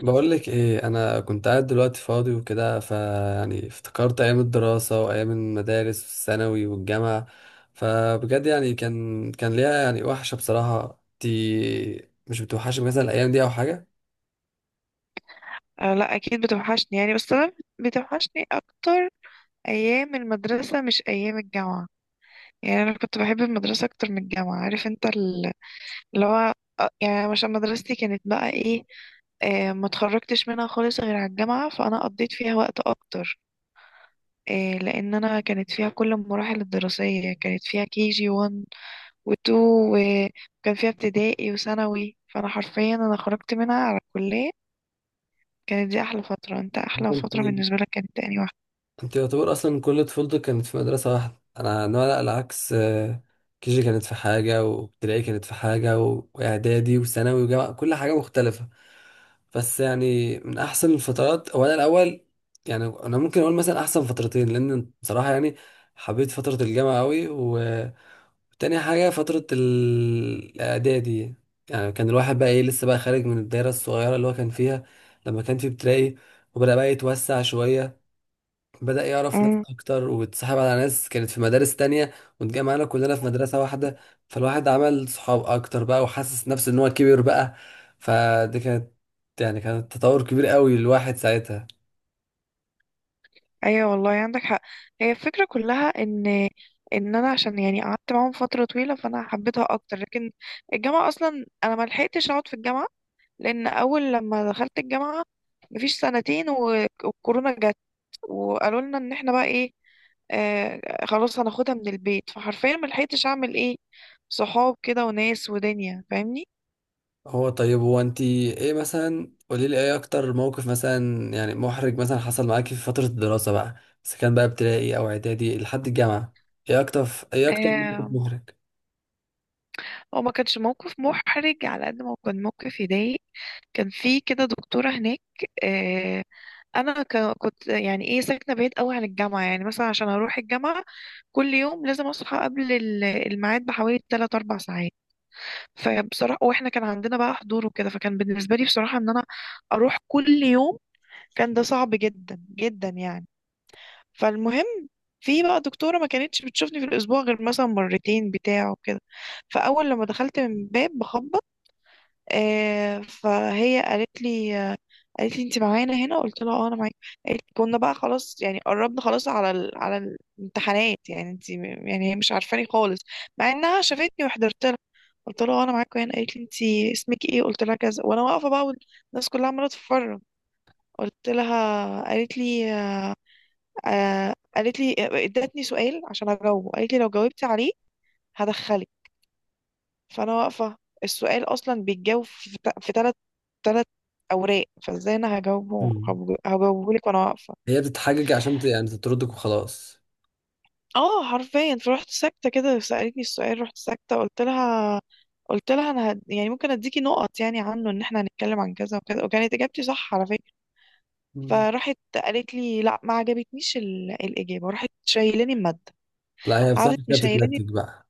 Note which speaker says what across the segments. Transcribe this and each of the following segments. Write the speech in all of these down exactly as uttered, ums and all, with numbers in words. Speaker 1: بقول لك ايه، انا كنت قاعد دلوقتي فاضي وكده، فيعني افتكرت ايام الدراسه وايام المدارس والثانوي والجامعه. فبجد يعني كان كان ليها يعني وحشه بصراحه. انت مش بتوحشك مثلا الايام دي او حاجه؟
Speaker 2: أه، لا، اكيد بتوحشني يعني، بس انا بتوحشني اكتر ايام المدرسه مش ايام الجامعه. يعني انا كنت بحب المدرسه اكتر من الجامعه. عارف انت ال- اللي هو آه، يعني عشان مدرستي كانت بقى ايه، آه، ما اتخرجتش منها خالص غير على الجامعة، فأنا قضيت فيها وقت أكتر. آه، لأن أنا كانت فيها كل المراحل الدراسية، كانت فيها كي جي واحد و اتنين، وكان فيها ابتدائي وثانوي، فأنا حرفيا أنا خرجت منها على الكلية. كانت دي أحلى فترة. أنت أحلى فترة بالنسبة لك كانت تاني واحدة؟
Speaker 1: انت يعتبر اصلا كل طفولتك كانت في مدرسة واحدة. انا انا لا، العكس. كيجي كانت في حاجة، وابتدائي كانت في حاجة، و- واعدادي وثانوي وجامعة، كل حاجة مختلفة. بس يعني من احسن الفترات، هو انا الاول يعني انا ممكن اقول مثلا احسن فترتين، لان بصراحة يعني حبيت فترة الجامعة قوي، وتاني حاجة فترة ال- الاعدادي. يعني كان الواحد بقى ايه، لسه بقى خارج من الدايرة الصغيرة اللي هو كان فيها لما كان في ابتدائي، وبدأ بقى يتوسع شوية، بدأ يعرف ناس
Speaker 2: امم،
Speaker 1: أكتر، واتسحب على ناس كانت في مدارس تانية واتجمعنا كلنا في مدرسة واحدة. فالواحد عمل صحاب أكتر بقى، وحاسس نفسه إن هو كبر بقى. فدي كانت يعني كانت تطور كبير قوي للواحد ساعتها.
Speaker 2: ايوه والله عندك حق. هي الفكره كلها ان ان انا، عشان يعني قعدت معاهم فتره طويله، فانا حبيتها اكتر. لكن الجامعه اصلا انا ما لحقتش اقعد في الجامعه، لان اول لما دخلت الجامعه مفيش سنتين و- والكورونا جت، وقالوا لنا ان احنا بقى ايه، آه خلاص هناخدها من البيت. فحرفيا ما لحقتش اعمل ايه، صحاب كده وناس ودنيا، فاهمني.
Speaker 1: هو طيب، هو أنتي إيه مثلا، قوليلي إيه أكتر موقف مثلا يعني محرج مثلا حصل معاكي في فترة الدراسة بقى، إذا كان بقى ابتدائي أو إعدادي لحد الجامعة؟ إيه أكتر إيه أكتر موقف
Speaker 2: آه،
Speaker 1: محرج؟
Speaker 2: هو ما كانش موقف محرج على قد ما هو كان موقف يضايق. كان في كده دكتورة هناك. آه، انا ك- كنت يعني ايه ساكنه بعيد قوي عن الجامعه، يعني مثلا عشان اروح الجامعه كل يوم لازم اصحى قبل ال- الميعاد بحوالي تلات أربع ساعات. فبصراحه، واحنا كان عندنا بقى حضور وكده، فكان بالنسبه لي بصراحه ان انا اروح كل يوم كان ده صعب جدا جدا يعني. فالمهم، في بقى دكتوره ما كانتش بتشوفني في الاسبوع غير مثلا مرتين بتاع وكده. فاول لما دخلت من باب بخبط، آه، فهي قالت لي آه، قالت لي انت معانا هنا؟ قلت لها اه انا معاك. قالت لي كنا بقى خلاص يعني قربنا خلاص على ال... على الامتحانات، يعني انت م- يعني هي مش عارفاني خالص، مع انها شافتني وحضرت لها. قلت لها اه انا معاك هنا. قالت لي انت اسمك ايه؟ قلت لها كذا، وانا واقفه بقى والناس كلها عماله تتفرج. قلت لها، قالت لي آه، قالت لي آه، ادتني سؤال عشان اجاوبه. قالت لي لو جاوبتي عليه هدخلك. فانا واقفه، السؤال اصلا بيتجاوب في تا- في تلات تلات اوراق، فازاي انا هجاوبه؟
Speaker 1: مم.
Speaker 2: هجاوبه لك وانا واقفه؟
Speaker 1: هي بتتحجج عشان ت- يعني تطردك وخلاص.
Speaker 2: اه حرفيا، فرحت ساكته كده، سالتني السؤال، رحت ساكته. قلت لها، قلت لها انا هد... يعني ممكن اديكي نقط يعني عنه، ان احنا هنتكلم عن كذا وكذا، وكانت اجابتي صح على فكره.
Speaker 1: مم.
Speaker 2: فراحت قالت لي لا، ما عجبتنيش ال... الاجابه. راحت شايلاني الماده.
Speaker 1: لا هي
Speaker 2: قعدت
Speaker 1: بصراحة كده
Speaker 2: مشايلاني،
Speaker 1: بتتنكد بقى.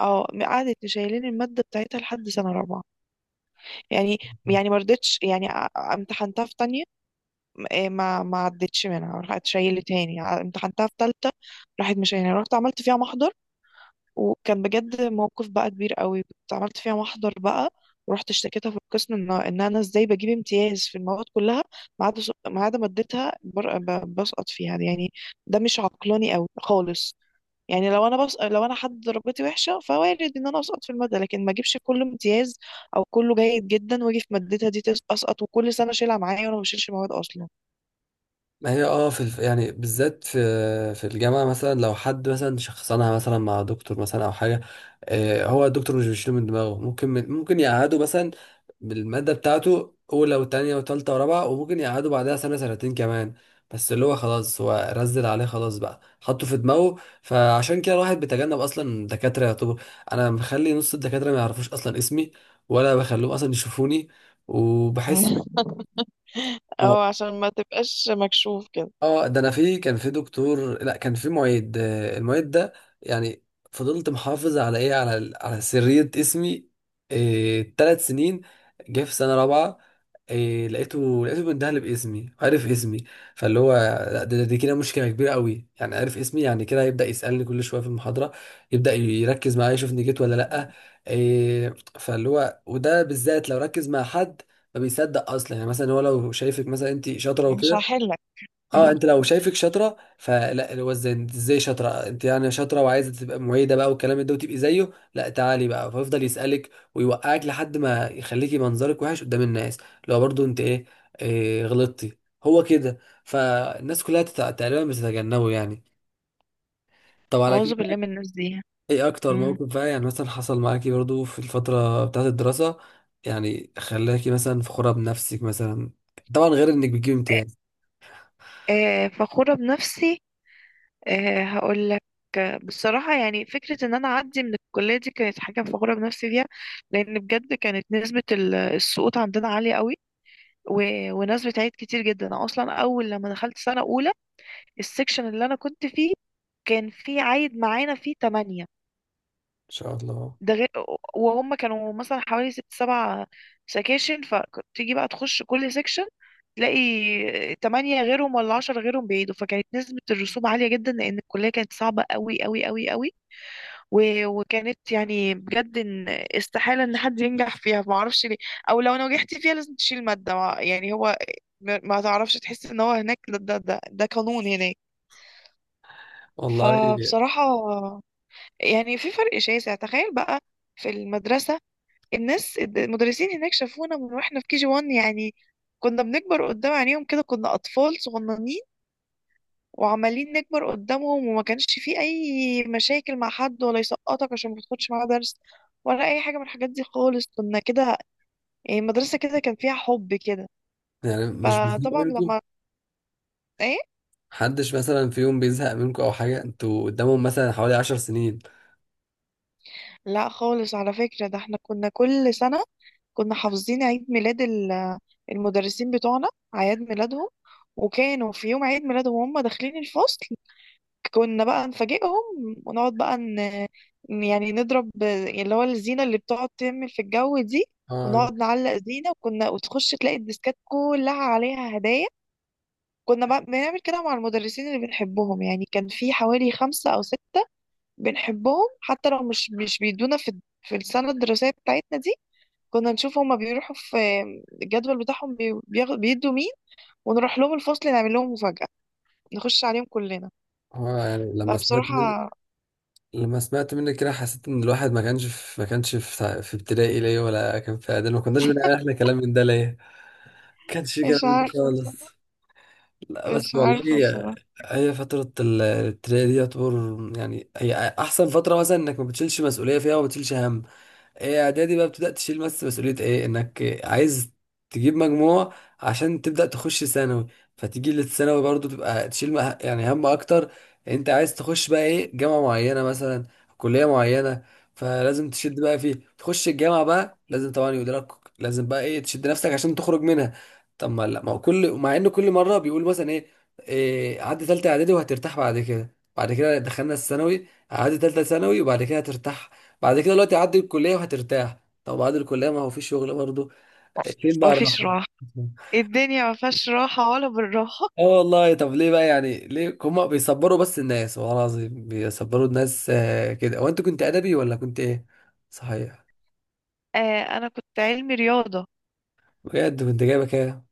Speaker 2: اه قعدت مشايلاني الماده بتاعتها لحد سنه رابعه. يعني، يعني ما رضيتش، يعني ا- امتحنتها في تانية. إيه، ما ما عدتش منها، راحت شايله تاني، ع- امتحنتها في تالتة، راحت مشايلها. رحت عملت فيها محضر، وكان بجد موقف بقى كبير قوي. كنت عملت فيها محضر بقى، ورحت اشتكيتها في القسم، ان ان انا ازاي بجيب امتياز في المواد كلها ما عدا س- ما عدا مادتها، بر- ب- بسقط فيها يعني. ده مش عقلاني قوي خالص. يعني لو انا، بس لو انا حد درجتي وحشه، فوارد ان انا اسقط في الماده. لكن ما اجيبش كله امتياز او كله جيد جدا، واجي في مادتها دي تس- اسقط، وكل سنه اشيلها معايا، وانا ما بشيلش مواد اصلا.
Speaker 1: ما هي اه في الف... يعني بالذات في في الجامعة مثلا، لو حد مثلا شخصنها مثلا مع دكتور مثلا أو حاجة، آه هو الدكتور مش بيشيله من دماغه. ممكن من... ممكن يقعده مثلا بالمادة بتاعته أولى وتانية وتالتة ورابعة، وممكن يقعده بعدها سنة سنتين كمان. بس اللي هو خلاص هو رزل عليه خلاص بقى، حطه في دماغه. فعشان كده الواحد بيتجنب أصلا دكاترة يعتبر. أنا مخلي نص الدكاترة ما يعرفوش أصلا اسمي، ولا بخليهم أصلا يشوفوني. وبحس،
Speaker 2: اه، عشان ما تبقاش مكشوف كده.
Speaker 1: اه ده انا في كان في دكتور، لا كان في معيد، آه، المعيد ده يعني فضلت محافظ على ايه، على ال- على سرية اسمي إيه تلات سنين. جه في سنة رابعة، إيه لقيته لقيته بيندهلي باسمي، عارف اسمي. فاللي هو، لا ده- ده- دي كده مشكلة كبيرة قوي يعني، عارف اسمي يعني كده هيبدأ يسألني كل شوية في المحاضرة، يبدأ يركز معايا يشوفني جيت ولا لأ. إيه فاللي هو، وده بالذات لو ركز مع حد ما بيصدق اصلا. يعني مثلا هو لو شايفك مثلا انت شاطره
Speaker 2: مش
Speaker 1: وكده،
Speaker 2: هحلك.
Speaker 1: اه
Speaker 2: مم.
Speaker 1: انت لو شايفك شاطره فلا، اللي هو ازاي انت، ازاي شاطره انت يعني، شاطره وعايزه تبقى معيده بقى والكلام ده وتبقي زيه؟ لا، تعالي بقى. فيفضل يسالك ويوقعك لحد ما يخليكي منظرك وحش قدام الناس. لو برضو انت ايه، إيه غلطتي؟ هو كده. فالناس كلها تت- تقريبا بتتجنبه يعني. طب على
Speaker 2: أعوذ بالله
Speaker 1: كده،
Speaker 2: من الناس دي.
Speaker 1: ايه اكتر
Speaker 2: مم.
Speaker 1: موقف بقى يعني مثلا حصل معاكي برضو في الفتره بتاعت الدراسه، يعني خلاكي مثلا فخوره بنفسك مثلا، طبعا غير انك بتجيبي
Speaker 2: آه،
Speaker 1: امتياز؟ ان
Speaker 2: آه، فخورة بنفسي. آه، هقولك. آه، بصراحة، يعني فكرة إن أنا أعدي من الكلية دي كانت حاجة فخورة بنفسي فيها، لأن بجد كانت نسبة ال- السقوط عندنا عالية قوي، و- وناس بتعيد كتير جدا. أنا أصلا أول لما دخلت سنة أولى، السكشن اللي أنا كنت فيه كان في عايد معانا فيه تمانية.
Speaker 1: شاء الله
Speaker 2: ده غير، وهم كانوا مثلا حوالي ست سبع سكاشن، فتيجي بقى تخش كل سكشن تلاقي تمانية غيرهم ولا عشرة غيرهم بعيدوا. فكانت نسبة الرسوب عالية جدا، لأن الكلية كانت صعبة قوي قوي قوي قوي. و- وكانت يعني بجد إن استحالة إن حد ينجح فيها، معرفش ليه. أو لو نجحت فيها لازم تشيل مادة، مع- يعني هو ما ما تعرفش، تحس إن هو هناك، ده ده ده, ده, قانون هناك.
Speaker 1: والله.
Speaker 2: فبصراحة يعني في فرق شاسع، تخيل بقى. في المدرسة، الناس المدرسين هناك شافونا من واحنا في كي جي واحد، يعني كنا بنكبر قدام عينيهم كده، كنا أطفال صغننين وعمالين نكبر قدامهم. وما كانش في أي مشاكل مع حد، ولا يسقطك عشان ما تاخدش معاه درس، ولا أي حاجة من الحاجات دي خالص. كنا كده، يعني المدرسة كده كان فيها حب كده.
Speaker 1: يعني مش بيزهقوا
Speaker 2: فطبعا
Speaker 1: منكم؟
Speaker 2: لما، ايه
Speaker 1: محدش مثلا في يوم بيزهق منكم او حاجه، انتوا قدامهم مثلا حوالي عشر سنين؟
Speaker 2: لا خالص على فكرة، ده احنا كنا كل سنة كنا حافظين عيد ميلاد ال- المدرسين بتوعنا، أعياد ميلادهم. وكانوا في يوم عيد ميلادهم وهم داخلين الفصل كنا بقى نفاجئهم، ونقعد بقى ن... يعني نضرب اللي هو الزينة اللي بتقعد تعمل في الجو دي،
Speaker 1: اه.
Speaker 2: ونقعد نعلق زينة. وكنا وتخش تلاقي الديسكات كلها عليها هدايا. كنا بقى بنعمل كده مع المدرسين اللي بنحبهم، يعني كان في حوالي خمسة أو ستة بنحبهم، حتى لو مش مش بيدونا في في السنة الدراسية بتاعتنا دي. كنا نشوف هما بيروحوا في الجدول بتاعهم بي- بياخ- بيدوا مين، ونروح لهم الفصل نعمل لهم مفاجأة، نخش عليهم كلنا.
Speaker 1: اه يعني لما سمعت منك
Speaker 2: فبصراحة،
Speaker 1: لما سمعت منك كده حسيت ان الواحد ما كانش في، ما كانش في, في ابتدائي ليه؟ ولا كان في اعدادي، ما كناش بنعمل احنا كلام من ده ليه؟ ما كانش في كلام
Speaker 2: مش
Speaker 1: من ده
Speaker 2: عارفة،
Speaker 1: خالص. لا بس
Speaker 2: مش عارفة
Speaker 1: والله.
Speaker 2: بصراحة.
Speaker 1: هي فترة ال- الابتدائي دي يعتبر يعني، هي أحسن فترة مثلا، إنك ما بتشيلش مسؤولية فيها وما بتشيلش هم. ايه اعدادي بقى بتبدا تشيل، بس مسؤوليه ايه، انك عايز تجيب مجموع عشان تبدا تخش ثانوي. فتيجي للثانوي برضو تبقى تشيل مه- يعني هم اكتر، انت عايز تخش بقى ايه، جامعه معينه مثلا، كليه معينه. فلازم تشد بقى فيه. تخش الجامعه بقى، لازم طبعا يدرك، لازم بقى ايه، تشد نفسك عشان تخرج منها. طب ما لا، ما هو كل، مع ان كل مره بيقول مثلا ايه، إيه عدي ثالثه اعدادي وهترتاح، بعد كده بعد كده دخلنا الثانوي عادي، تالتة ثانوي وبعد كده هترتاح، بعد كده دلوقتي عدي الكلية وهترتاح، طب بعد الكلية ما هو في شغل برضه، فين بقى
Speaker 2: مفيش
Speaker 1: الراحة؟
Speaker 2: راحة، الدنيا مفيهاش راحة ولا بالراحة.
Speaker 1: اه والله. طب ليه بقى يعني، ليه هما بيصبروا بس الناس، والله العظيم بيصبروا الناس. آه، كده. هو انت كنت ادبي ولا كنت ايه صحيح؟
Speaker 2: آه، أنا كنت علمي رياضة.
Speaker 1: بجد كنت جايبه كام ان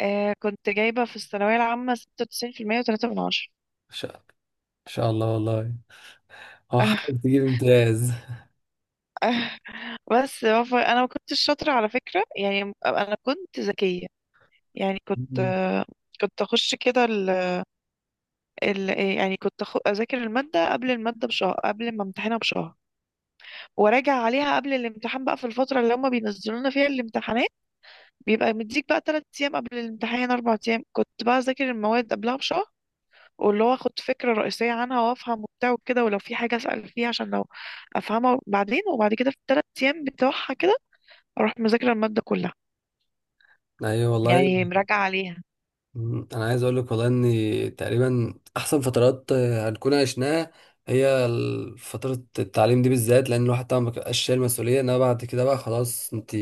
Speaker 2: آه، كنت جايبة في الثانوية العامة ستة وتسعين في المية وتلاتة من عشرة.
Speaker 1: شاء، إن شاء الله والله. اه
Speaker 2: آه،
Speaker 1: حقك تجيب امتياز.
Speaker 2: آه، بس ف- أنا ما كنتش شاطرة على فكرة، يعني أنا كنت ذكية يعني. كنت
Speaker 1: مم.
Speaker 2: آه، كنت أخش كده ال ال يعني كنت أخ- أذاكر المادة قبل المادة بشهر، قبل ما امتحنها بشهر، وراجع عليها قبل الامتحان بقى في الفترة اللي هما بينزلونا فيها الامتحانات. بيبقى مديك بقى تلات أيام قبل الامتحان، أربع أيام. كنت بقى أذاكر المواد قبلها بشهر، واللي هو أخد فكرة رئيسية عنها وأفهم وبتاع وكده، ولو في حاجة أسأل فيها عشان لو أفهمها بعدين. وبعد كده في التلات أيام بتوعها كده أروح مذاكرة المادة كلها،
Speaker 1: ايوه والله.
Speaker 2: يعني مراجعة عليها.
Speaker 1: مم، انا عايز اقول لك والله ان تقريبا احسن فترات آه، هنكون عشناها هي ال- فترة التعليم دي بالذات، لان الواحد طبعا ما بيبقاش شايل مسؤولية. انما بعد كده بقى خلاص، انت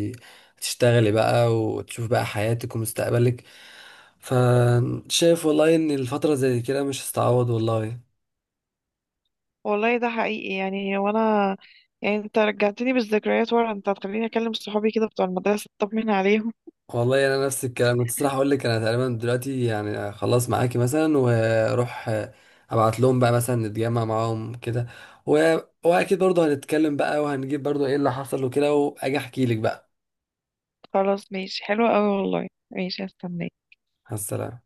Speaker 1: هتشتغلي بقى وتشوف بقى حياتك ومستقبلك. فشايف والله ان الفترة زي كده مش هتتعوض والله.
Speaker 2: والله ده حقيقي يعني. وأنا يعني، أنت رجعتني بالذكريات ورا، أنت هتخليني أكلم صحابي كده بتوع المدرسة، أطمن عليهم.
Speaker 1: والله انا نفس الكلام كنت الصراحه اقول لك. انا تقريبا دلوقتي يعني خلاص معاكي مثلا، واروح ابعت لهم بقى مثلا نتجمع معاهم كده، و... واكيد برضه هنتكلم بقى، وهنجيب برضه ايه اللي حصل وكده، واجي احكي لك بقى.
Speaker 2: خلاص، ماشي حلو أوي والله، ماشي، هستناك.
Speaker 1: على السلامه.